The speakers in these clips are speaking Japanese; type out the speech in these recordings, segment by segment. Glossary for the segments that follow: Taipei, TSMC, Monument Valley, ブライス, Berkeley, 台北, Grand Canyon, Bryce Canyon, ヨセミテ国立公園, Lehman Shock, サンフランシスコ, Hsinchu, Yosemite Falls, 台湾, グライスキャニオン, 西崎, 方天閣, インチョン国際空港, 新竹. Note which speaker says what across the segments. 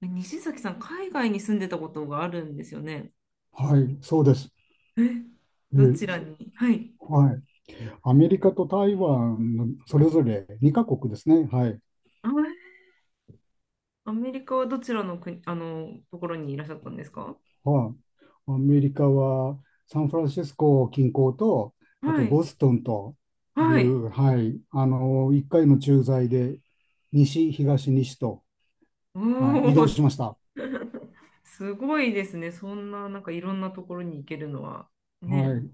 Speaker 1: 西崎さん、海外に住んでたことがあるんですよね。
Speaker 2: はい、そうです。
Speaker 1: え、どちら
Speaker 2: え
Speaker 1: にはい。
Speaker 2: はい。アメリカと台湾のそれぞれ2カ国ですね。はい。
Speaker 1: あ、アメリカはどちらの国、ところにいらっしゃったんですか？
Speaker 2: はい。アメリカはサンフランシスコ近郊と、あ
Speaker 1: は
Speaker 2: と
Speaker 1: い。
Speaker 2: ボストンとい
Speaker 1: はい。
Speaker 2: う、はい、1回の駐在で西、東、西と、
Speaker 1: お
Speaker 2: はい、移動
Speaker 1: ー、
Speaker 2: し
Speaker 1: す
Speaker 2: ました。
Speaker 1: すごいですね。そんな、いろんなところに行けるのは。ね。
Speaker 2: はい、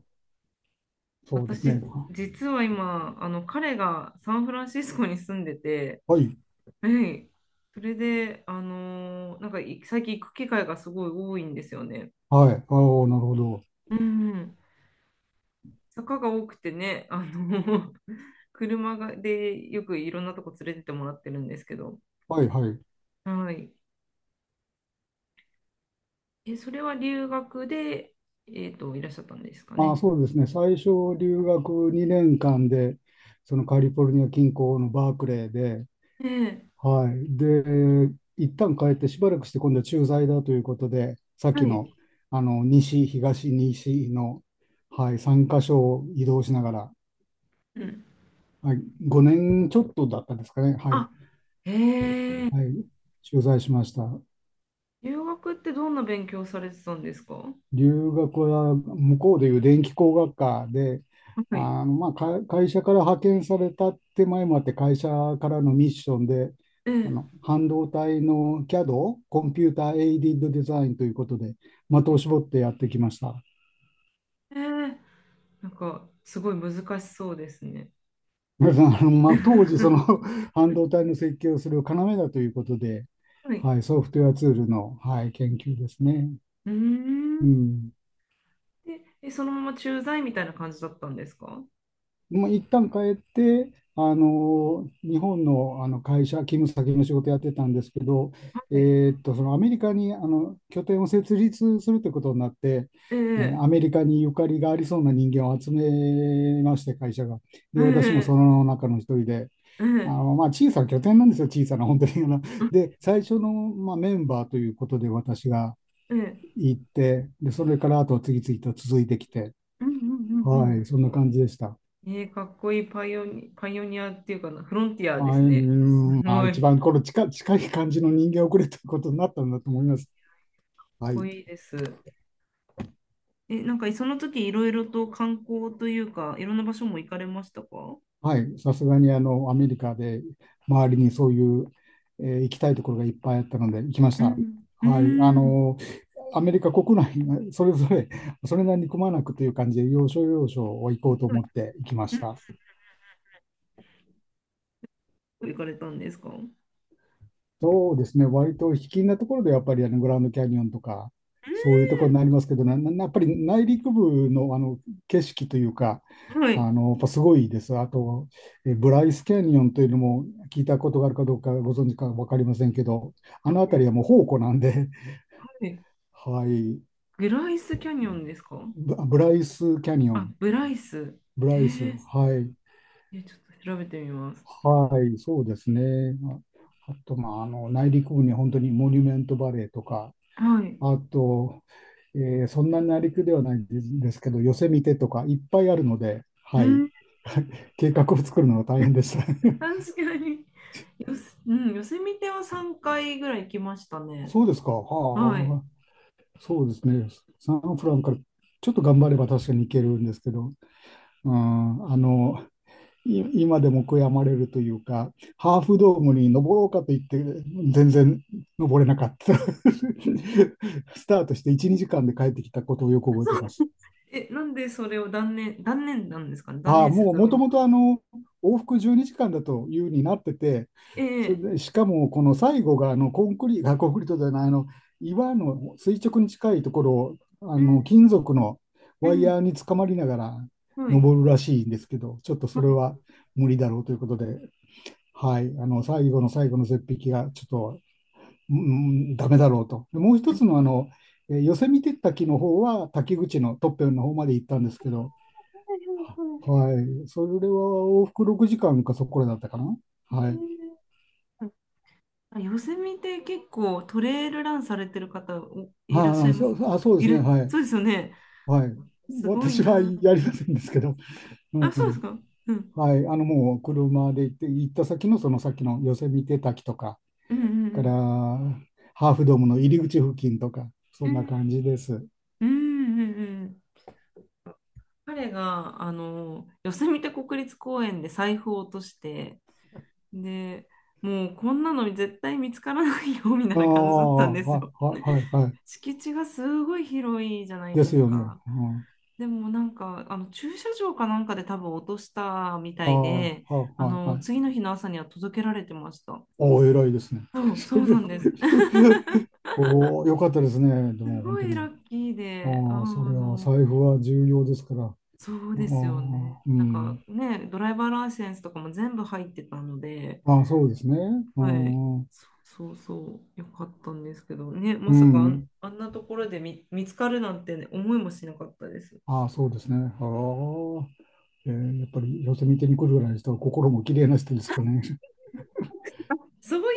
Speaker 2: そうですね。
Speaker 1: 私、実は今、彼がサンフランシスコに住んでて、
Speaker 2: はい、
Speaker 1: はい。それで、あのーなんかい最近行く機会がすごい多いんですよね。
Speaker 2: はい、ああ、なるほど。
Speaker 1: うんうん。坂が多くてね、車がでよくいろんなとこ連れてってもらってるんですけど、
Speaker 2: はい、はい。
Speaker 1: はい。え、それは留学で、いらっしゃったんですか
Speaker 2: ああ、
Speaker 1: ね。
Speaker 2: そうですね。最初、留学2年間で、そのカリフォルニア近郊のバークレーで、
Speaker 1: ええ、
Speaker 2: はい。で、一旦帰ってしばらくして今度は駐在だということで、さっき
Speaker 1: は
Speaker 2: の、
Speaker 1: い。
Speaker 2: 西、東、西の、はい、3箇所を移動しながら、
Speaker 1: うん。
Speaker 2: はい、5年ちょっとだったんですかね。はい。
Speaker 1: あ、へえ、
Speaker 2: はい。駐在しました。
Speaker 1: 留学ってどんな勉強されてたんですか？は
Speaker 2: 留学は向こうでいう電気工学科で、
Speaker 1: い。
Speaker 2: 会社から派遣されたって前もあって会社からのミッションで
Speaker 1: ええ、
Speaker 2: 半導体の CAD、コンピューターエイディッドデザインということで的を絞ってやってきました。
Speaker 1: ええ、なんか、すごい難しそうですね。
Speaker 2: 皆さん当時そ の 半導体の設計をする要だということで、
Speaker 1: はい。
Speaker 2: はい、ソフトウェアツールの、はい、研究ですね。
Speaker 1: うー
Speaker 2: う
Speaker 1: ん。
Speaker 2: ん
Speaker 1: で、え、そのまま駐在みたいな感じだったんですか？
Speaker 2: 一旦帰って、あの日本の、あの会社、勤務先の仕事やってたんですけど、え
Speaker 1: はい。
Speaker 2: そのアメリカにあの拠点を設立するということになって、
Speaker 1: え
Speaker 2: アメ
Speaker 1: え、
Speaker 2: リカにゆかりがありそうな人間を集めまして、会社が。
Speaker 1: え
Speaker 2: で、私もそ
Speaker 1: え。
Speaker 2: の中の一人で、
Speaker 1: うん、
Speaker 2: 小さな拠点なんですよ、小さな、本当に。
Speaker 1: うん、
Speaker 2: で、最初の、まあ、メンバーということで、私が
Speaker 1: うん。
Speaker 2: 行って、で、それからあとは次々と続いてきて、
Speaker 1: うんうんう
Speaker 2: はい、
Speaker 1: ん
Speaker 2: そんな感じでした。
Speaker 1: うん。えー、かっこいいパイオニアっていうかな、フロンティアで
Speaker 2: まあ、う
Speaker 1: すね。す
Speaker 2: ん、まあ、
Speaker 1: ごい、か
Speaker 2: 一
Speaker 1: っ
Speaker 2: 番この近い感じの人間をくれということになったんだと思います。は
Speaker 1: こ
Speaker 2: い。
Speaker 1: いいです。え、その時いろいろと観光というか、いろんな場所も行かれましたか？
Speaker 2: はい。さすがに、あの、アメリカで周りにそういう、行きたいところがいっぱいあったので、行きまし
Speaker 1: う
Speaker 2: た。
Speaker 1: ん。う
Speaker 2: はい。あ
Speaker 1: ん。
Speaker 2: の、アメリカ国内がそれぞれ、それなりにくまなくという感じで、要所要所を行こうと思って行きま
Speaker 1: う
Speaker 2: し
Speaker 1: ん
Speaker 2: た。
Speaker 1: 行かれたんですか？うん
Speaker 2: そうですね、割と卑近なところでやっぱりあのグランドキャニオンとか、そういうところになりますけど、なやっぱり内陸部の、あの景色というか、
Speaker 1: は
Speaker 2: あ
Speaker 1: い。
Speaker 2: のやっぱすごいです。あと、ブライスキャニオンというのも聞いたことがあるかどうかご存知か分かりませんけど、あの辺りはも
Speaker 1: は
Speaker 2: う宝庫なんで、
Speaker 1: い。
Speaker 2: はい、
Speaker 1: グライスキャニオンですか？
Speaker 2: ブライスキャニオ
Speaker 1: あ、
Speaker 2: ン、
Speaker 1: ブライス。
Speaker 2: ブ
Speaker 1: へ
Speaker 2: ライス、
Speaker 1: え。
Speaker 2: はい、
Speaker 1: え、ちょっと調べてみます。
Speaker 2: はい、そうですね。ああと、まあ、あの内陸部に本当にモニュメントバレーとか、
Speaker 1: はい。
Speaker 2: あと、そんなにりくではないんですけど、ヨセみてとかいっぱいあるので、
Speaker 1: う
Speaker 2: はい。
Speaker 1: ん
Speaker 2: 計画を作るのが大変でした。
Speaker 1: 確かに。よせ、うん、ヨセミテは3回ぐらい行きました ね。
Speaker 2: そうですか。
Speaker 1: はい。
Speaker 2: はあ、そうですね。サンフランからちょっと頑張れば確かに行けるんですけど、うん、あの、今でも悔やまれるというか、ハーフドームに登ろうかと言って、全然登れなかった。スタートして1、2時間で帰ってきたことをよく覚えています。
Speaker 1: え、なんでそれを断念なんですかね。断
Speaker 2: ああ、
Speaker 1: 念せ
Speaker 2: もう、
Speaker 1: ざるを
Speaker 2: も
Speaker 1: 得
Speaker 2: と
Speaker 1: な
Speaker 2: も
Speaker 1: かっ
Speaker 2: とあの、往復12時間だというになってて、
Speaker 1: た。
Speaker 2: それ
Speaker 1: え
Speaker 2: で、
Speaker 1: え
Speaker 2: しかも、この最後が、あの、コンクリートじゃない、あの、岩の垂直に近いところを、あ
Speaker 1: うん、
Speaker 2: の、金属の
Speaker 1: う
Speaker 2: ワイ
Speaker 1: ん。
Speaker 2: ヤーにつかまりながら
Speaker 1: はい。
Speaker 2: 登るらしいんですけど、ちょっと
Speaker 1: は
Speaker 2: それ
Speaker 1: い。
Speaker 2: は無理だろうということで、はい、あの、最後の最後の絶壁が、ちょっと、うん、ダメだろうと。でもう一
Speaker 1: う
Speaker 2: つの、あの、ヨセミテッタキの方は、滝口のトッペンの方まで行ったんですけど、はい。それは往復6時間かんかそこらだったかな。
Speaker 1: ん
Speaker 2: はい。
Speaker 1: あ、ヨセミテ結構トレイルランされてる方おいらっしゃいます。
Speaker 2: そうで
Speaker 1: い
Speaker 2: す
Speaker 1: る、
Speaker 2: ね。はい。
Speaker 1: そうですよね。
Speaker 2: はい。
Speaker 1: すごい
Speaker 2: 私は
Speaker 1: なっ
Speaker 2: や
Speaker 1: て。
Speaker 2: りませんですけど、うん、
Speaker 1: あ、
Speaker 2: う
Speaker 1: そうです
Speaker 2: ん。
Speaker 1: か。うん。
Speaker 2: はい。あの、もう車で行って、行った先のその先のヨセミテ滝とか、
Speaker 1: うんう
Speaker 2: から
Speaker 1: ん
Speaker 2: ハーフドームの入り口付近とか、そ
Speaker 1: う
Speaker 2: んな
Speaker 1: ん。
Speaker 2: 感じです。
Speaker 1: うんうんうんうん。彼があのヨセミテ国立公園で財布を落としてでもうこんなの絶対見つからないよみたい
Speaker 2: ああ、
Speaker 1: な感じだったんです
Speaker 2: はい、
Speaker 1: よ。
Speaker 2: はい、はい。はい、
Speaker 1: 敷地がすごい広いじゃない
Speaker 2: で
Speaker 1: で
Speaker 2: す
Speaker 1: す
Speaker 2: よね。
Speaker 1: か。
Speaker 2: うん、
Speaker 1: でもあの駐車場かなんかで多分落としたみた
Speaker 2: ああ、
Speaker 1: い
Speaker 2: は
Speaker 1: で
Speaker 2: い、
Speaker 1: あ
Speaker 2: は
Speaker 1: の
Speaker 2: い。はい。
Speaker 1: 次の日の朝には届けられてました。
Speaker 2: おお、偉いですね。
Speaker 1: そ う、そ
Speaker 2: そ
Speaker 1: うな
Speaker 2: れ、
Speaker 1: んです。
Speaker 2: おお、よかったですね。で
Speaker 1: す
Speaker 2: も、本
Speaker 1: ご
Speaker 2: 当
Speaker 1: いラ
Speaker 2: に。
Speaker 1: ッキーで、
Speaker 2: ああ、そりゃ、財布は重要ですから。ああ、
Speaker 1: そうですよね。
Speaker 2: う
Speaker 1: なんか
Speaker 2: ん。
Speaker 1: ね、ドライバーライセンスとかも全部入ってたので、
Speaker 2: ああ、そうですね。う
Speaker 1: はい。
Speaker 2: ん。
Speaker 1: そうそうそう、よかったんですけどね、ま
Speaker 2: う
Speaker 1: さかあん、
Speaker 2: ん。
Speaker 1: あんなところで見つかるなんて、ね、思いもしなかったです。
Speaker 2: ああ、そうですね。ああ、やっぱり寄せ見てに来るぐらいの人は心も綺麗な人ですかね。
Speaker 1: そういうこ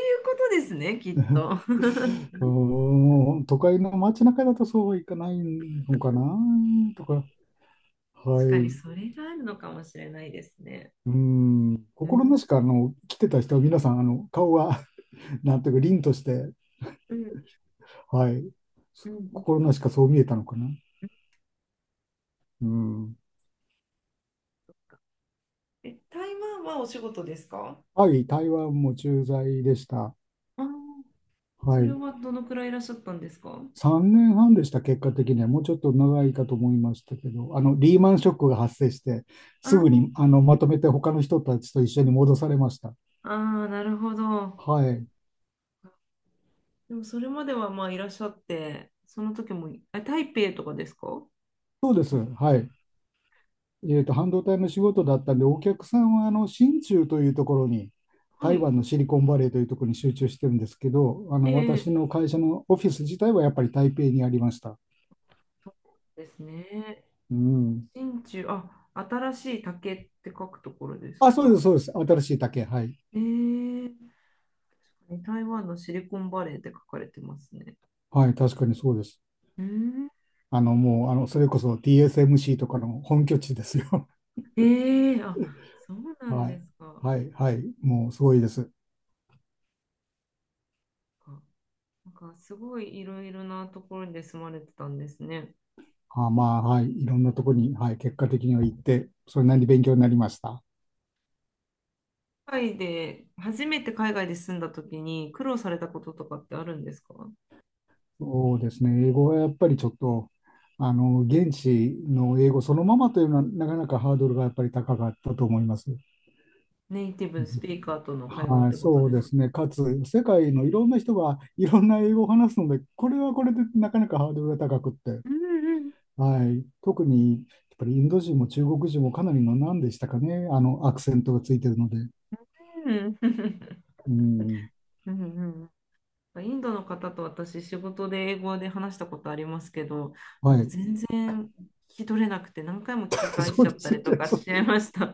Speaker 1: とですね、きっ と。
Speaker 2: うーん、都会の街中だとそうはいかないのかなとか、は
Speaker 1: 確かに
Speaker 2: い。
Speaker 1: それがあるのかもしれないですね。
Speaker 2: うん、
Speaker 1: う
Speaker 2: 心な
Speaker 1: ん、
Speaker 2: しかあの来てた人は皆さんあの顔が なんていうか凛として、
Speaker 1: うん
Speaker 2: はい、
Speaker 1: うんうん
Speaker 2: 心なしかそう見えたのかな。うん。
Speaker 1: え、台湾はお仕事ですか？
Speaker 2: はい、台湾も駐在でした。
Speaker 1: あー、
Speaker 2: は
Speaker 1: それ
Speaker 2: い。
Speaker 1: はどのくらいいらっしゃったんですか？
Speaker 2: 3年半でした、結果的には。もうちょっと長いかと思いましたけど、あの、リーマンショックが発生して、
Speaker 1: あ
Speaker 2: すぐ
Speaker 1: ー
Speaker 2: に、あの、まとめて他の人たちと一緒に戻されました。
Speaker 1: あー、なるほど。
Speaker 2: はい。
Speaker 1: でもそれまではまあいらっしゃって、その時も、あ、台北とかですか？
Speaker 2: そうです。はい。えっと、半導体の仕事だったんで、お客さんは、あの、新中というところに、
Speaker 1: は
Speaker 2: 台
Speaker 1: い。
Speaker 2: 湾のシリコンバレーというところに集中してるんですけど、あの、
Speaker 1: え
Speaker 2: 私
Speaker 1: え
Speaker 2: の会社のオフィス自体はやっぱり台北にありました。
Speaker 1: そうですね。
Speaker 2: うん。
Speaker 1: 真鍮、あ、新しい竹って書くところです
Speaker 2: あ、そう
Speaker 1: か？
Speaker 2: です、そうです。新しい竹。はい。
Speaker 1: えー、確かに台湾のシリコンバレーって書かれてますね。
Speaker 2: はい、確かにそうです。
Speaker 1: うーん、
Speaker 2: あの、もう、あの、それこそ TSMC とかの本拠地ですよ。
Speaker 1: えー、あ、そうなん
Speaker 2: は
Speaker 1: で
Speaker 2: い。
Speaker 1: すか。
Speaker 2: はい、はい。もう、すごいです。
Speaker 1: かなんかすごいいろいろなところで住まれてたんですね。
Speaker 2: あ、まあ、はい。いろんなとこに、はい。結果的には行って、それなりに勉強になりました。
Speaker 1: 海外で、初めて海外で住んだ時に苦労されたこととかってあるんですか？
Speaker 2: そうですね。英語はやっぱりちょっと、あの、現地の英語そのままというのは、なかなかハードルがやっぱり高かったと思います。
Speaker 1: ネイティ
Speaker 2: う
Speaker 1: ブス
Speaker 2: ん。
Speaker 1: ピーカーとの会話っ
Speaker 2: はい、
Speaker 1: てこと
Speaker 2: そう
Speaker 1: です
Speaker 2: で
Speaker 1: か？
Speaker 2: すね。かつ、世界のいろんな人がいろんな英語を話すので、これはこれでなかなかハードルが高くって。
Speaker 1: うん
Speaker 2: はい。特に、やっぱりインド人も中国人もかなりの何でしたかね。あの、アクセントがついてるので。
Speaker 1: うんうん。
Speaker 2: うん。
Speaker 1: うんうんうんインドの方と私、仕事で英語で話したことありますけど、あ
Speaker 2: は
Speaker 1: の
Speaker 2: い。
Speaker 1: 全然聞き取れなくて、何回も聞き 返し
Speaker 2: そう
Speaker 1: ちゃ
Speaker 2: で
Speaker 1: った
Speaker 2: すね。
Speaker 1: りとか
Speaker 2: そ
Speaker 1: し
Speaker 2: う
Speaker 1: ちゃいました。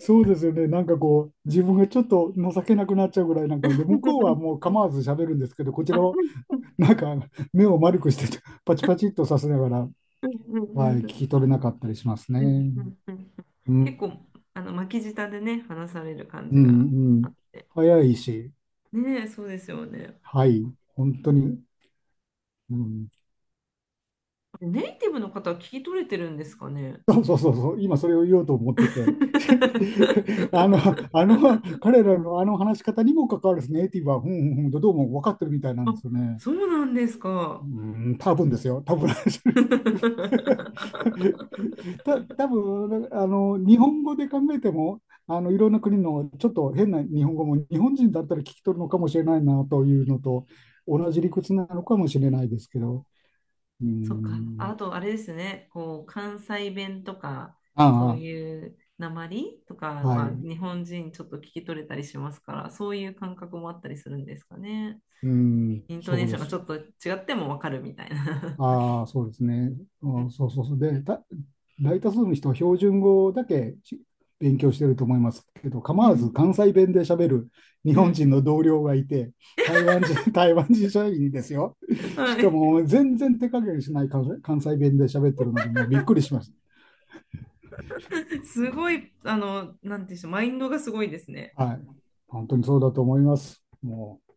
Speaker 2: そうですよね。なんかこう、自分がちょっと情けなくなっちゃうぐらいなんかで、向こうはもう 構わず喋るんですけど、こちらを
Speaker 1: あ
Speaker 2: なんか目を丸くして、パチパチっとさせながら、はい、聞き取れなかったりしますね。う
Speaker 1: 結
Speaker 2: ん。
Speaker 1: 構あの巻き舌でね、話される感
Speaker 2: う
Speaker 1: じが
Speaker 2: ん、う
Speaker 1: あ
Speaker 2: ん。
Speaker 1: って。
Speaker 2: 早いし、
Speaker 1: ねえ、そうですよね。
Speaker 2: はい。本当に。うん。
Speaker 1: ネイティブの方は聞き取れてるんですかね。
Speaker 2: そう、今それを言おうと思ってて、あの、あ の、彼らのあの話し方にも関わるですねネイティブは、ふんふんふんとどうも分かってるみたいなん
Speaker 1: あ、
Speaker 2: ですよね。
Speaker 1: そうなんです
Speaker 2: う
Speaker 1: か。
Speaker 2: ーん、多分ですよ、多分。 多分あの日本語で考えても、あのいろんな国のちょっと変な日本語も日本人だったら聞き取るのかもしれないなというのと同じ理屈なのかもしれないですけど、うー
Speaker 1: そっか。
Speaker 2: ん、
Speaker 1: あと、あれですね。こう、関西弁とか、そうはい
Speaker 2: あ
Speaker 1: いう訛りとか
Speaker 2: あ、はい、
Speaker 1: は
Speaker 2: う
Speaker 1: 日本人ちょっと聞き取れたりしますから、そういう感覚もあったりするんですかね。
Speaker 2: ーん、
Speaker 1: イントネ
Speaker 2: そ
Speaker 1: ー
Speaker 2: う
Speaker 1: ショ
Speaker 2: で
Speaker 1: ンが
Speaker 2: す。
Speaker 1: ちょっと違ってもわかるみたいな。あ
Speaker 2: ああ、そうですね。
Speaker 1: う
Speaker 2: う
Speaker 1: ん
Speaker 2: ん。そう。で、大多数の人は標準語だけ勉強してると思いますけど、
Speaker 1: う
Speaker 2: 構わず
Speaker 1: ん。
Speaker 2: 関西弁で喋る日
Speaker 1: う
Speaker 2: 本
Speaker 1: ん。
Speaker 2: 人の同僚がいて、台湾人、台湾人社員ですよ。し
Speaker 1: は
Speaker 2: か
Speaker 1: い。
Speaker 2: も全然手加減しない関西弁で喋ってるので、もうびっくりしまし
Speaker 1: すごい、なんていうんでしょう、マインドがすごいですね。
Speaker 2: た。はい。本当にそうだと思います。もう。